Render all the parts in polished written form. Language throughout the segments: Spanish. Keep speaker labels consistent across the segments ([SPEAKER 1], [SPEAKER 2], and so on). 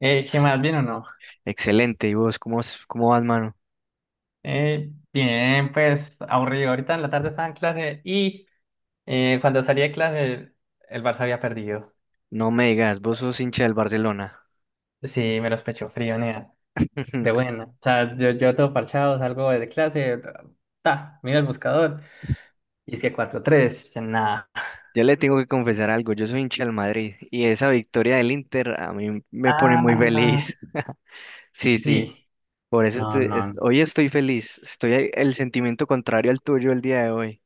[SPEAKER 1] ¿Qué más? ¿Bien o no?
[SPEAKER 2] Excelente. ¿Y vos cómo, cómo vas, mano?
[SPEAKER 1] Bien, pues aburrido. Ahorita en la tarde estaba en clase y cuando salí de clase el Barça había perdido.
[SPEAKER 2] No me digas, vos sos hincha del Barcelona.
[SPEAKER 1] Sí, me los pecho frío, nea. De buena. O sea, yo todo parchado, salgo de clase, ta, mira el buscador y es que 4-3, nada.
[SPEAKER 2] Ya le tengo que confesar algo, yo soy hincha del Madrid y esa victoria del Inter a mí me pone muy
[SPEAKER 1] Ah,
[SPEAKER 2] feliz. Sí, sí,
[SPEAKER 1] sí.
[SPEAKER 2] por eso
[SPEAKER 1] No,
[SPEAKER 2] estoy,
[SPEAKER 1] no, no.
[SPEAKER 2] hoy estoy feliz. El sentimiento contrario al tuyo el día de hoy.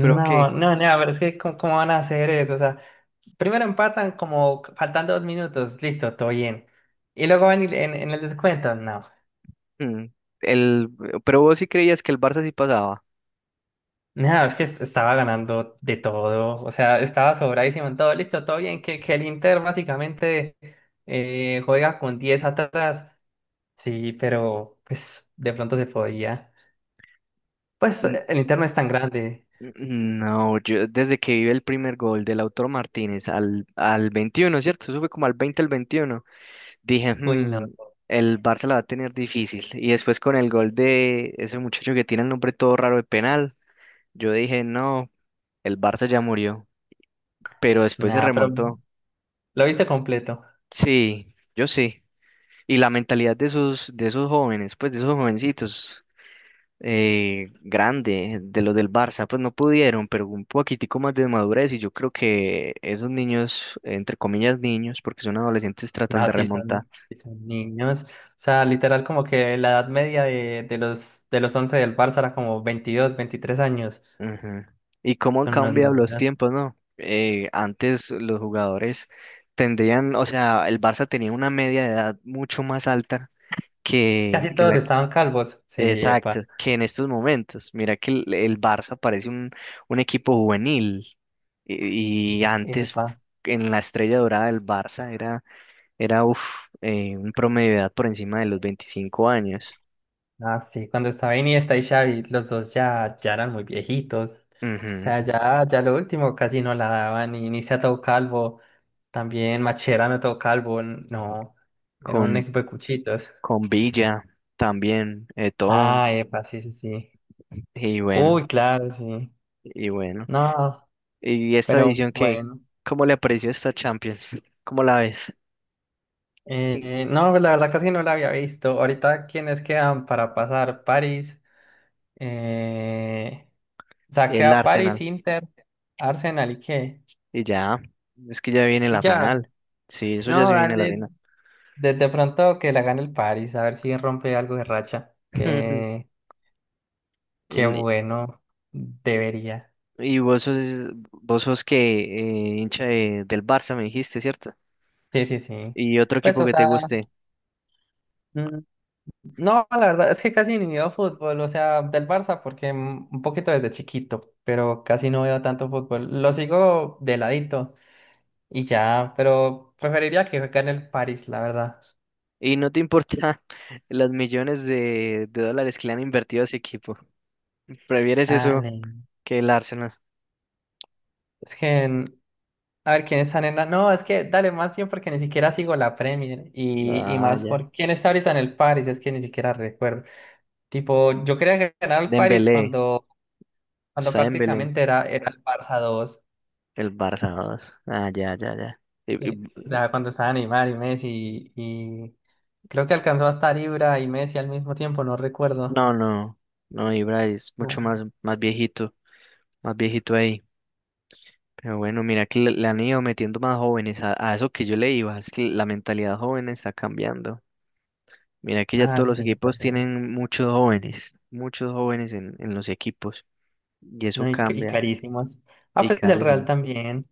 [SPEAKER 2] ¿Pero qué?
[SPEAKER 1] no, nea, pero es que ¿cómo van a hacer eso? O sea, primero empatan como faltan 2 minutos, listo, todo bien. Y luego en el descuento, no.
[SPEAKER 2] Mm. El, pero vos sí creías que el Barça sí pasaba.
[SPEAKER 1] Nada, estaba ganando de todo, o sea, estaba sobradísimo en todo, listo, todo bien, que el Inter básicamente juega con 10 atrás, sí, pero pues de pronto se podía. Pues
[SPEAKER 2] N-
[SPEAKER 1] el Inter no es tan grande,
[SPEAKER 2] n- No, yo desde que vi el primer gol de Lautaro Martínez al 21, ¿cierto? Eso fue como al 20 al 21. Dije,
[SPEAKER 1] uy, no,
[SPEAKER 2] "Hmm, el Barça la va a tener difícil". Y después con el gol de ese muchacho que tiene el nombre todo raro de penal, yo dije, no, el Barça ya murió. Pero después se
[SPEAKER 1] nada, pero
[SPEAKER 2] remontó.
[SPEAKER 1] lo viste completo.
[SPEAKER 2] Sí, yo sí. Y la mentalidad de esos, jóvenes, pues de esos jovencitos, grande, de los del Barça, pues no pudieron, pero un poquitico más de madurez. Y yo creo que esos niños, entre comillas niños, porque son adolescentes, tratan
[SPEAKER 1] No,
[SPEAKER 2] de remontar.
[SPEAKER 1] sí son niños, o sea, literal como que la edad media de los 11 del Barça era como 22, 23 años,
[SPEAKER 2] Ujú. Y cómo han
[SPEAKER 1] son unos
[SPEAKER 2] cambiado los
[SPEAKER 1] niños.
[SPEAKER 2] tiempos, ¿no? Antes los jugadores tendrían, o sea, el Barça tenía una media de edad mucho más alta que,
[SPEAKER 1] Casi
[SPEAKER 2] que
[SPEAKER 1] todos estaban calvos, sí,
[SPEAKER 2] exacto,
[SPEAKER 1] epa.
[SPEAKER 2] que en estos momentos. Mira que el Barça parece un equipo juvenil y antes
[SPEAKER 1] Epa.
[SPEAKER 2] en la estrella dorada del Barça era un promedio de edad por encima de los 25 años.
[SPEAKER 1] Ah, sí, cuando estaba Iniesta y Xavi, los dos ya eran muy viejitos. O sea,
[SPEAKER 2] Ujú.
[SPEAKER 1] ya lo último casi no la daban. Y Iniesta todo calvo, también Macherano todo calvo. No, era un
[SPEAKER 2] Con,
[SPEAKER 1] equipo de cuchitos.
[SPEAKER 2] con Villa también, Eto'o,
[SPEAKER 1] Ah, epa, sí, sí, sí.
[SPEAKER 2] y bueno.
[SPEAKER 1] Uy, claro, sí.
[SPEAKER 2] Y bueno,
[SPEAKER 1] No,
[SPEAKER 2] y esta
[SPEAKER 1] pero
[SPEAKER 2] edición que,
[SPEAKER 1] bueno.
[SPEAKER 2] ¿cómo le pareció esta Champions? ¿Cómo la ves? ¿Qui-
[SPEAKER 1] No, pues la verdad casi no la había visto. Ahorita, ¿quiénes quedan para pasar? París. Eh, o sea,
[SPEAKER 2] El
[SPEAKER 1] queda París,
[SPEAKER 2] Arsenal.
[SPEAKER 1] Inter, Arsenal y qué.
[SPEAKER 2] Y ya, es que ya viene
[SPEAKER 1] Y
[SPEAKER 2] la
[SPEAKER 1] ya.
[SPEAKER 2] final. Sí, eso ya
[SPEAKER 1] No,
[SPEAKER 2] se viene la
[SPEAKER 1] dale,
[SPEAKER 2] final.
[SPEAKER 1] de pronto que la gane el París, a ver si rompe algo de racha. Qué
[SPEAKER 2] En-
[SPEAKER 1] bueno, debería.
[SPEAKER 2] Y vos sos que hincha del Barça, me dijiste, ¿cierto?
[SPEAKER 1] Sí, sí, sí.
[SPEAKER 2] Y otro
[SPEAKER 1] Pues,
[SPEAKER 2] equipo
[SPEAKER 1] o
[SPEAKER 2] que te
[SPEAKER 1] sea,
[SPEAKER 2] guste.
[SPEAKER 1] mm, no, la verdad es que casi ni veo fútbol, o sea, del Barça, porque un poquito desde chiquito, pero casi no veo tanto fútbol. Lo sigo de ladito y ya, pero preferiría que gane el París, la verdad.
[SPEAKER 2] Y no te importa los millones de dólares que le han invertido a ese equipo. ¿Prefieres
[SPEAKER 1] Ah,
[SPEAKER 2] eso
[SPEAKER 1] ne.
[SPEAKER 2] que el Arsenal?
[SPEAKER 1] Es que a ver quién está en la... No, es que dale más bien porque ni siquiera sigo la Premier y
[SPEAKER 2] Ah,
[SPEAKER 1] más
[SPEAKER 2] ya.
[SPEAKER 1] por quién está ahorita en el Paris, es que ni siquiera recuerdo. Tipo, yo creía que ganaba el Paris
[SPEAKER 2] Dembélé,
[SPEAKER 1] cuando
[SPEAKER 2] está Dembélé.
[SPEAKER 1] prácticamente era el Barça dos
[SPEAKER 2] El Barça dos. Ah, ya, ya, ya. Y- y-
[SPEAKER 1] ya cuando estaba Neymar y Messi y creo que alcanzó a estar Ibra y Messi al mismo tiempo, no recuerdo.
[SPEAKER 2] no, no, no, Ibra es mucho
[SPEAKER 1] No.
[SPEAKER 2] más, más viejito ahí. Pero bueno, mira que le han ido metiendo más jóvenes a eso que yo le iba. Es que la mentalidad joven está cambiando. Mira que ya
[SPEAKER 1] Nada,
[SPEAKER 2] todos los
[SPEAKER 1] sí,
[SPEAKER 2] equipos
[SPEAKER 1] también.
[SPEAKER 2] tienen muchos jóvenes en los equipos. Y eso
[SPEAKER 1] No, y
[SPEAKER 2] cambia
[SPEAKER 1] carísimos. Ah,
[SPEAKER 2] y
[SPEAKER 1] pues el Real
[SPEAKER 2] carecen.
[SPEAKER 1] también.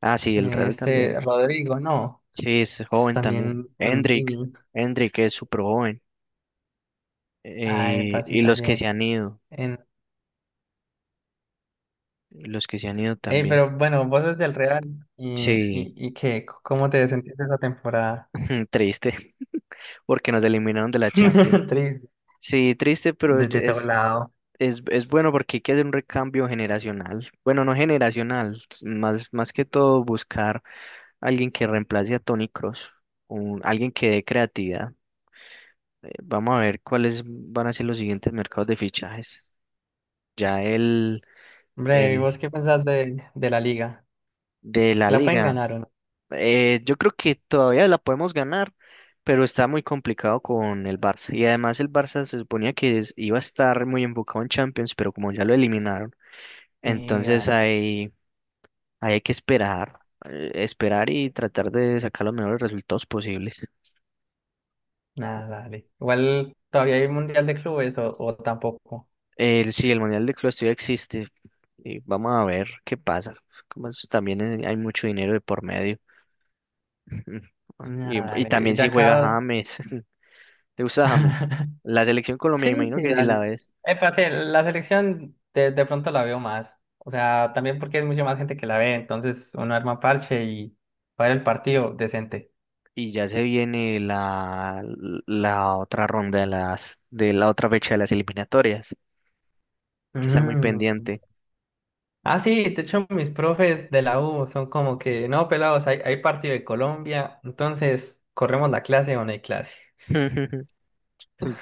[SPEAKER 2] Ah, sí, el Real también.
[SPEAKER 1] Rodrigo, no,
[SPEAKER 2] Sí, es
[SPEAKER 1] es
[SPEAKER 2] joven también.
[SPEAKER 1] también un niño.
[SPEAKER 2] Hendrik es súper joven.
[SPEAKER 1] Ay,
[SPEAKER 2] Eh,
[SPEAKER 1] epa, sí,
[SPEAKER 2] y los que se
[SPEAKER 1] también.
[SPEAKER 2] han ido.
[SPEAKER 1] En...
[SPEAKER 2] Los que se han ido
[SPEAKER 1] Ey,
[SPEAKER 2] también.
[SPEAKER 1] pero bueno, vos sos del Real y,
[SPEAKER 2] Sí,
[SPEAKER 1] y, y qué, ¿cómo te sentiste esa temporada?
[SPEAKER 2] triste, porque nos eliminaron de la Champions.
[SPEAKER 1] Triste,
[SPEAKER 2] Sí, triste, pero
[SPEAKER 1] desde todo
[SPEAKER 2] es,
[SPEAKER 1] lado.
[SPEAKER 2] es bueno porque hay que hacer un recambio generacional. Bueno, no generacional, más que todo buscar alguien que reemplace a Toni Kroos, alguien que dé creatividad. Vamos a ver cuáles van a ser los siguientes mercados de fichajes. Ya
[SPEAKER 1] Hombre, ¿y vos
[SPEAKER 2] el
[SPEAKER 1] qué pensás de la liga?
[SPEAKER 2] de la
[SPEAKER 1] ¿Que la pueden
[SPEAKER 2] liga.
[SPEAKER 1] ganar o no?
[SPEAKER 2] Yo creo que todavía la podemos ganar, pero está muy complicado con el Barça. Y además el Barça se suponía que iba a estar muy enfocado en Champions, pero como ya lo eliminaron,
[SPEAKER 1] Sí,
[SPEAKER 2] entonces
[SPEAKER 1] dale,
[SPEAKER 2] hay, que esperar, esperar y tratar de sacar los mejores resultados posibles.
[SPEAKER 1] nada, dale. Igual todavía hay Mundial de Clubes o tampoco.
[SPEAKER 2] El, sí, el Mundial de Clubes todavía existe. Y vamos a ver qué pasa. Como eso también hay mucho dinero de por medio. Y,
[SPEAKER 1] Nada,
[SPEAKER 2] y
[SPEAKER 1] dale.
[SPEAKER 2] también
[SPEAKER 1] De
[SPEAKER 2] si juega
[SPEAKER 1] acá.
[SPEAKER 2] James. ¿Te gusta James? La selección Colombia, me
[SPEAKER 1] Sí,
[SPEAKER 2] imagino
[SPEAKER 1] sí,
[SPEAKER 2] que si
[SPEAKER 1] dale.
[SPEAKER 2] la ves.
[SPEAKER 1] Espérate, la selección de pronto la veo más. O sea, también porque hay mucha más gente que la ve, entonces uno arma parche y para el partido decente.
[SPEAKER 2] Y ya se viene la otra ronda de de la otra fecha de las eliminatorias. Hay que estar muy
[SPEAKER 1] Mm.
[SPEAKER 2] pendiente.
[SPEAKER 1] Ah, sí, de hecho mis profes de la U son como que, no, pelados, hay partido de Colombia, entonces corremos la clase o no hay clase.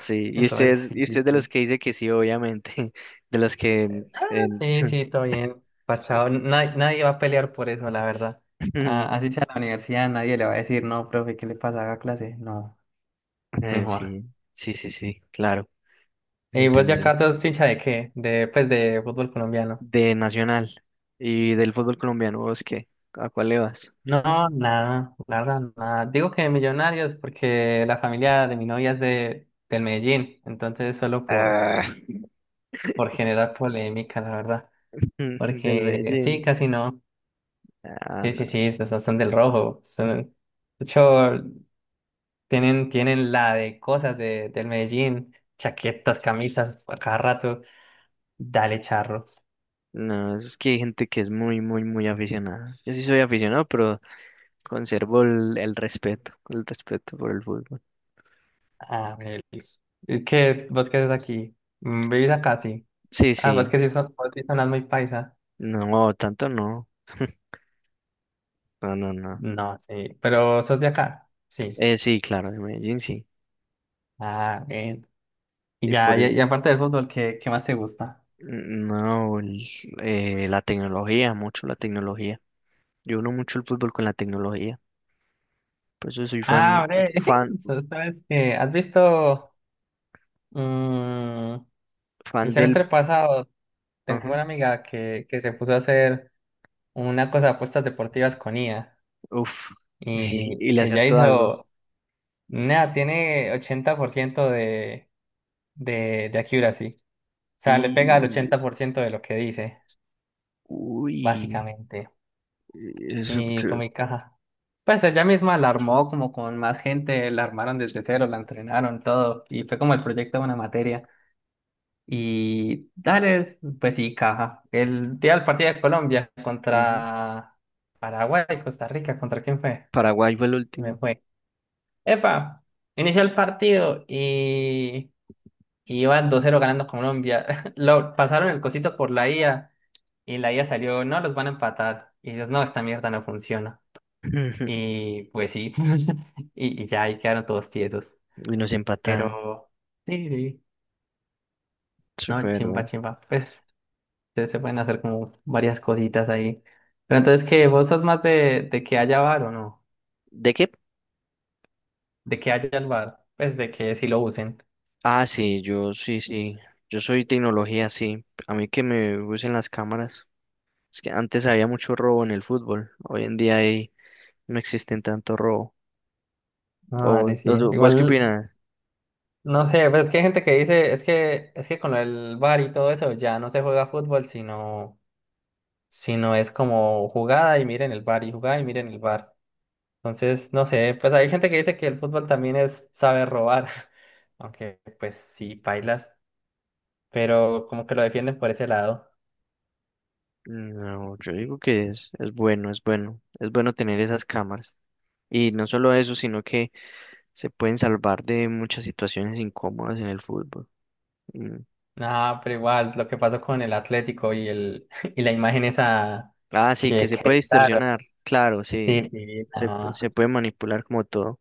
[SPEAKER 2] Sí,
[SPEAKER 1] Entonces, sí,
[SPEAKER 2] y
[SPEAKER 1] sí,
[SPEAKER 2] usted es de los
[SPEAKER 1] sí.
[SPEAKER 2] que dice que sí, obviamente. De los que
[SPEAKER 1] Ah,
[SPEAKER 2] eh,
[SPEAKER 1] sí, sí, todo bien, pachado. Nadie va a pelear por eso, la verdad. Ah, así sea la universidad, nadie le va a decir, no, profe, ¿qué le pasa? Haga clase. No, mejor.
[SPEAKER 2] sí, sí, sí, sí, claro, se
[SPEAKER 1] ¿Y vos ya
[SPEAKER 2] entiende.
[SPEAKER 1] acá sos hincha de qué? Pues, de fútbol colombiano.
[SPEAKER 2] De Nacional y del fútbol colombiano, ¿vos qué? ¿A cuál le vas?
[SPEAKER 1] No, nada, la verdad, nada. Digo que Millonarios porque la familia de mi novia es del Medellín, entonces solo por,
[SPEAKER 2] Ah,
[SPEAKER 1] por generar polémica, la verdad.
[SPEAKER 2] del
[SPEAKER 1] Porque sí,
[SPEAKER 2] Medellín.
[SPEAKER 1] casi no.
[SPEAKER 2] Ah,
[SPEAKER 1] Sí,
[SPEAKER 2] no.
[SPEAKER 1] sí, sí, son del rojo. De hecho, tienen la de cosas del Medellín, chaquetas, camisas, a cada rato. Dale, charro.
[SPEAKER 2] No, es que hay gente que es muy, muy, muy aficionada. Yo sí soy aficionado, pero conservo el respeto, el respeto por el fútbol.
[SPEAKER 1] Ah, ¿Qué? ¿Vos qué haces aquí? ¿Vivís acá? Sí.
[SPEAKER 2] Sí,
[SPEAKER 1] Ah,
[SPEAKER 2] sí.
[SPEAKER 1] vos sí sonás muy paisa.
[SPEAKER 2] No, tanto no. No, no, no.
[SPEAKER 1] No, sí. Pero sos de acá. Sí.
[SPEAKER 2] Sí, claro, de Medellín sí.
[SPEAKER 1] Ah, bien. Y
[SPEAKER 2] Y
[SPEAKER 1] ya,
[SPEAKER 2] por
[SPEAKER 1] y,
[SPEAKER 2] eso,
[SPEAKER 1] y aparte del fútbol, ¿qué más te gusta?
[SPEAKER 2] mm, no, la tecnología, mucho la tecnología. Yo uno mucho el fútbol con la tecnología. Por eso soy
[SPEAKER 1] Ah,
[SPEAKER 2] fan,
[SPEAKER 1] hombre.
[SPEAKER 2] fan,
[SPEAKER 1] sos- ¿Sabes que ¿Has visto? mm, el
[SPEAKER 2] fan del...
[SPEAKER 1] semestre pasado tengo
[SPEAKER 2] Ajá,
[SPEAKER 1] una amiga que se puso a hacer una cosa de apuestas deportivas con IA.
[SPEAKER 2] uf, y,
[SPEAKER 1] Y
[SPEAKER 2] y le
[SPEAKER 1] ella
[SPEAKER 2] acertó algo.
[SPEAKER 1] hizo. Nada, tiene 80% de accuracy. O sea, le pega al
[SPEAKER 2] Y...
[SPEAKER 1] 80% de lo que dice,
[SPEAKER 2] Uy,
[SPEAKER 1] básicamente.
[SPEAKER 2] eso
[SPEAKER 1] Y fue
[SPEAKER 2] creo.
[SPEAKER 1] mi caja. Pues ella misma la armó como con más gente, la armaron desde cero, la entrenaron, todo. Y fue como el proyecto de una materia. Y dale, pues sí, caja. El día del partido de Colombia
[SPEAKER 2] Ujú.
[SPEAKER 1] contra Paraguay, Costa Rica, ¿contra quién fue?
[SPEAKER 2] Paraguay fue el
[SPEAKER 1] Me
[SPEAKER 2] último.
[SPEAKER 1] fue. Epa, inició el partido y iban 2-0 ganando Colombia. Lo pasaron el cosito por la IA y la IA salió, no, los van a empatar. Y ellos, no, esta mierda no funciona. Y pues sí, y ya ahí quedaron todos tiesos.
[SPEAKER 2] Y nos empataron.
[SPEAKER 1] Pero sí, sí,
[SPEAKER 2] Eso
[SPEAKER 1] no,
[SPEAKER 2] fue
[SPEAKER 1] chimba,
[SPEAKER 2] verdad.
[SPEAKER 1] chimba. Pues se pueden hacer como varias cositas ahí. Pero entonces, ¿qué? ¿Vos sos más de que haya bar o no?
[SPEAKER 2] ¿De qué?
[SPEAKER 1] De que haya el bar, pues de que sí lo usen.
[SPEAKER 2] Ah, sí, yo sí, sí. Yo soy tecnología, sí. A mí que me usen las cámaras. Es que antes había mucho robo en el fútbol. Hoy en día ahí no existen tanto robo. ¿O
[SPEAKER 1] Ah, dale, sí.
[SPEAKER 2] vos qué
[SPEAKER 1] Igual,
[SPEAKER 2] opinas?
[SPEAKER 1] no sé, pues es que hay gente que dice, es que con el bar y todo eso ya no se juega fútbol, sino es como jugada y miren el bar y jugada y miren el bar. Entonces, no sé, pues hay gente que dice que el fútbol también es saber robar, aunque pues sí, pailas pero como que lo defienden por ese lado.
[SPEAKER 2] No, yo digo que es, bueno, es bueno. Es bueno tener esas cámaras. Y no solo eso, sino que se pueden salvar de muchas situaciones incómodas en el fútbol. Mm.
[SPEAKER 1] Ah, pero igual, lo que pasó con el Atlético y el y la imagen esa
[SPEAKER 2] Ah, sí, que
[SPEAKER 1] que,
[SPEAKER 2] se
[SPEAKER 1] que
[SPEAKER 2] puede
[SPEAKER 1] editaron.
[SPEAKER 2] distorsionar, claro, sí.
[SPEAKER 1] Sí, sí,
[SPEAKER 2] Se,
[SPEAKER 1] no.
[SPEAKER 2] se puede manipular como todo.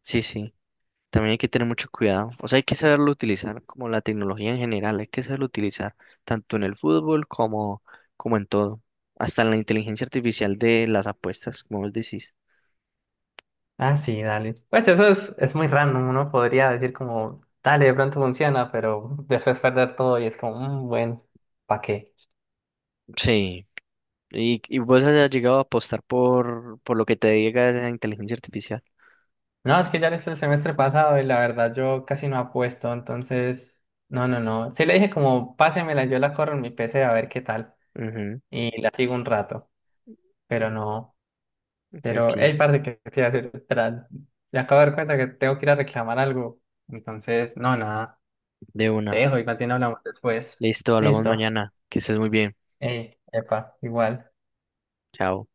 [SPEAKER 2] Sí, sí. También hay que tener mucho cuidado. O sea, hay que saberlo utilizar, como la tecnología en general, hay que saberlo utilizar, tanto en el fútbol como, como en todo. Hasta en la inteligencia artificial de las apuestas, como vos decís.
[SPEAKER 1] Ah, sí, dale. Pues eso es muy random, uno podría decir como, dale, de pronto funciona, pero después perder todo y es como, "Mm, bueno, ¿para qué?
[SPEAKER 2] Sí. Y vos has llegado a apostar por, lo que te diga esa inteligencia artificial.
[SPEAKER 1] No, es que ya desde el semestre pasado y la verdad yo casi no apuesto, entonces, no, no, no. Sí le dije como, pásemela, yo la corro en mi PC a ver qué tal
[SPEAKER 2] Ujú,
[SPEAKER 1] y la sigo un rato, pero
[SPEAKER 2] ujú.
[SPEAKER 1] no,
[SPEAKER 2] Sí,
[SPEAKER 1] pero,
[SPEAKER 2] aquí,
[SPEAKER 1] hey, parte que te iba a decir, espera, me acabo de dar cuenta que tengo que ir a reclamar algo, entonces, no, nada,
[SPEAKER 2] de
[SPEAKER 1] te
[SPEAKER 2] una.
[SPEAKER 1] dejo, igual bien hablamos después.
[SPEAKER 2] Listo, hablamos
[SPEAKER 1] Listo,
[SPEAKER 2] mañana. Que estés muy bien.
[SPEAKER 1] hey, epa, igual.
[SPEAKER 2] Chao.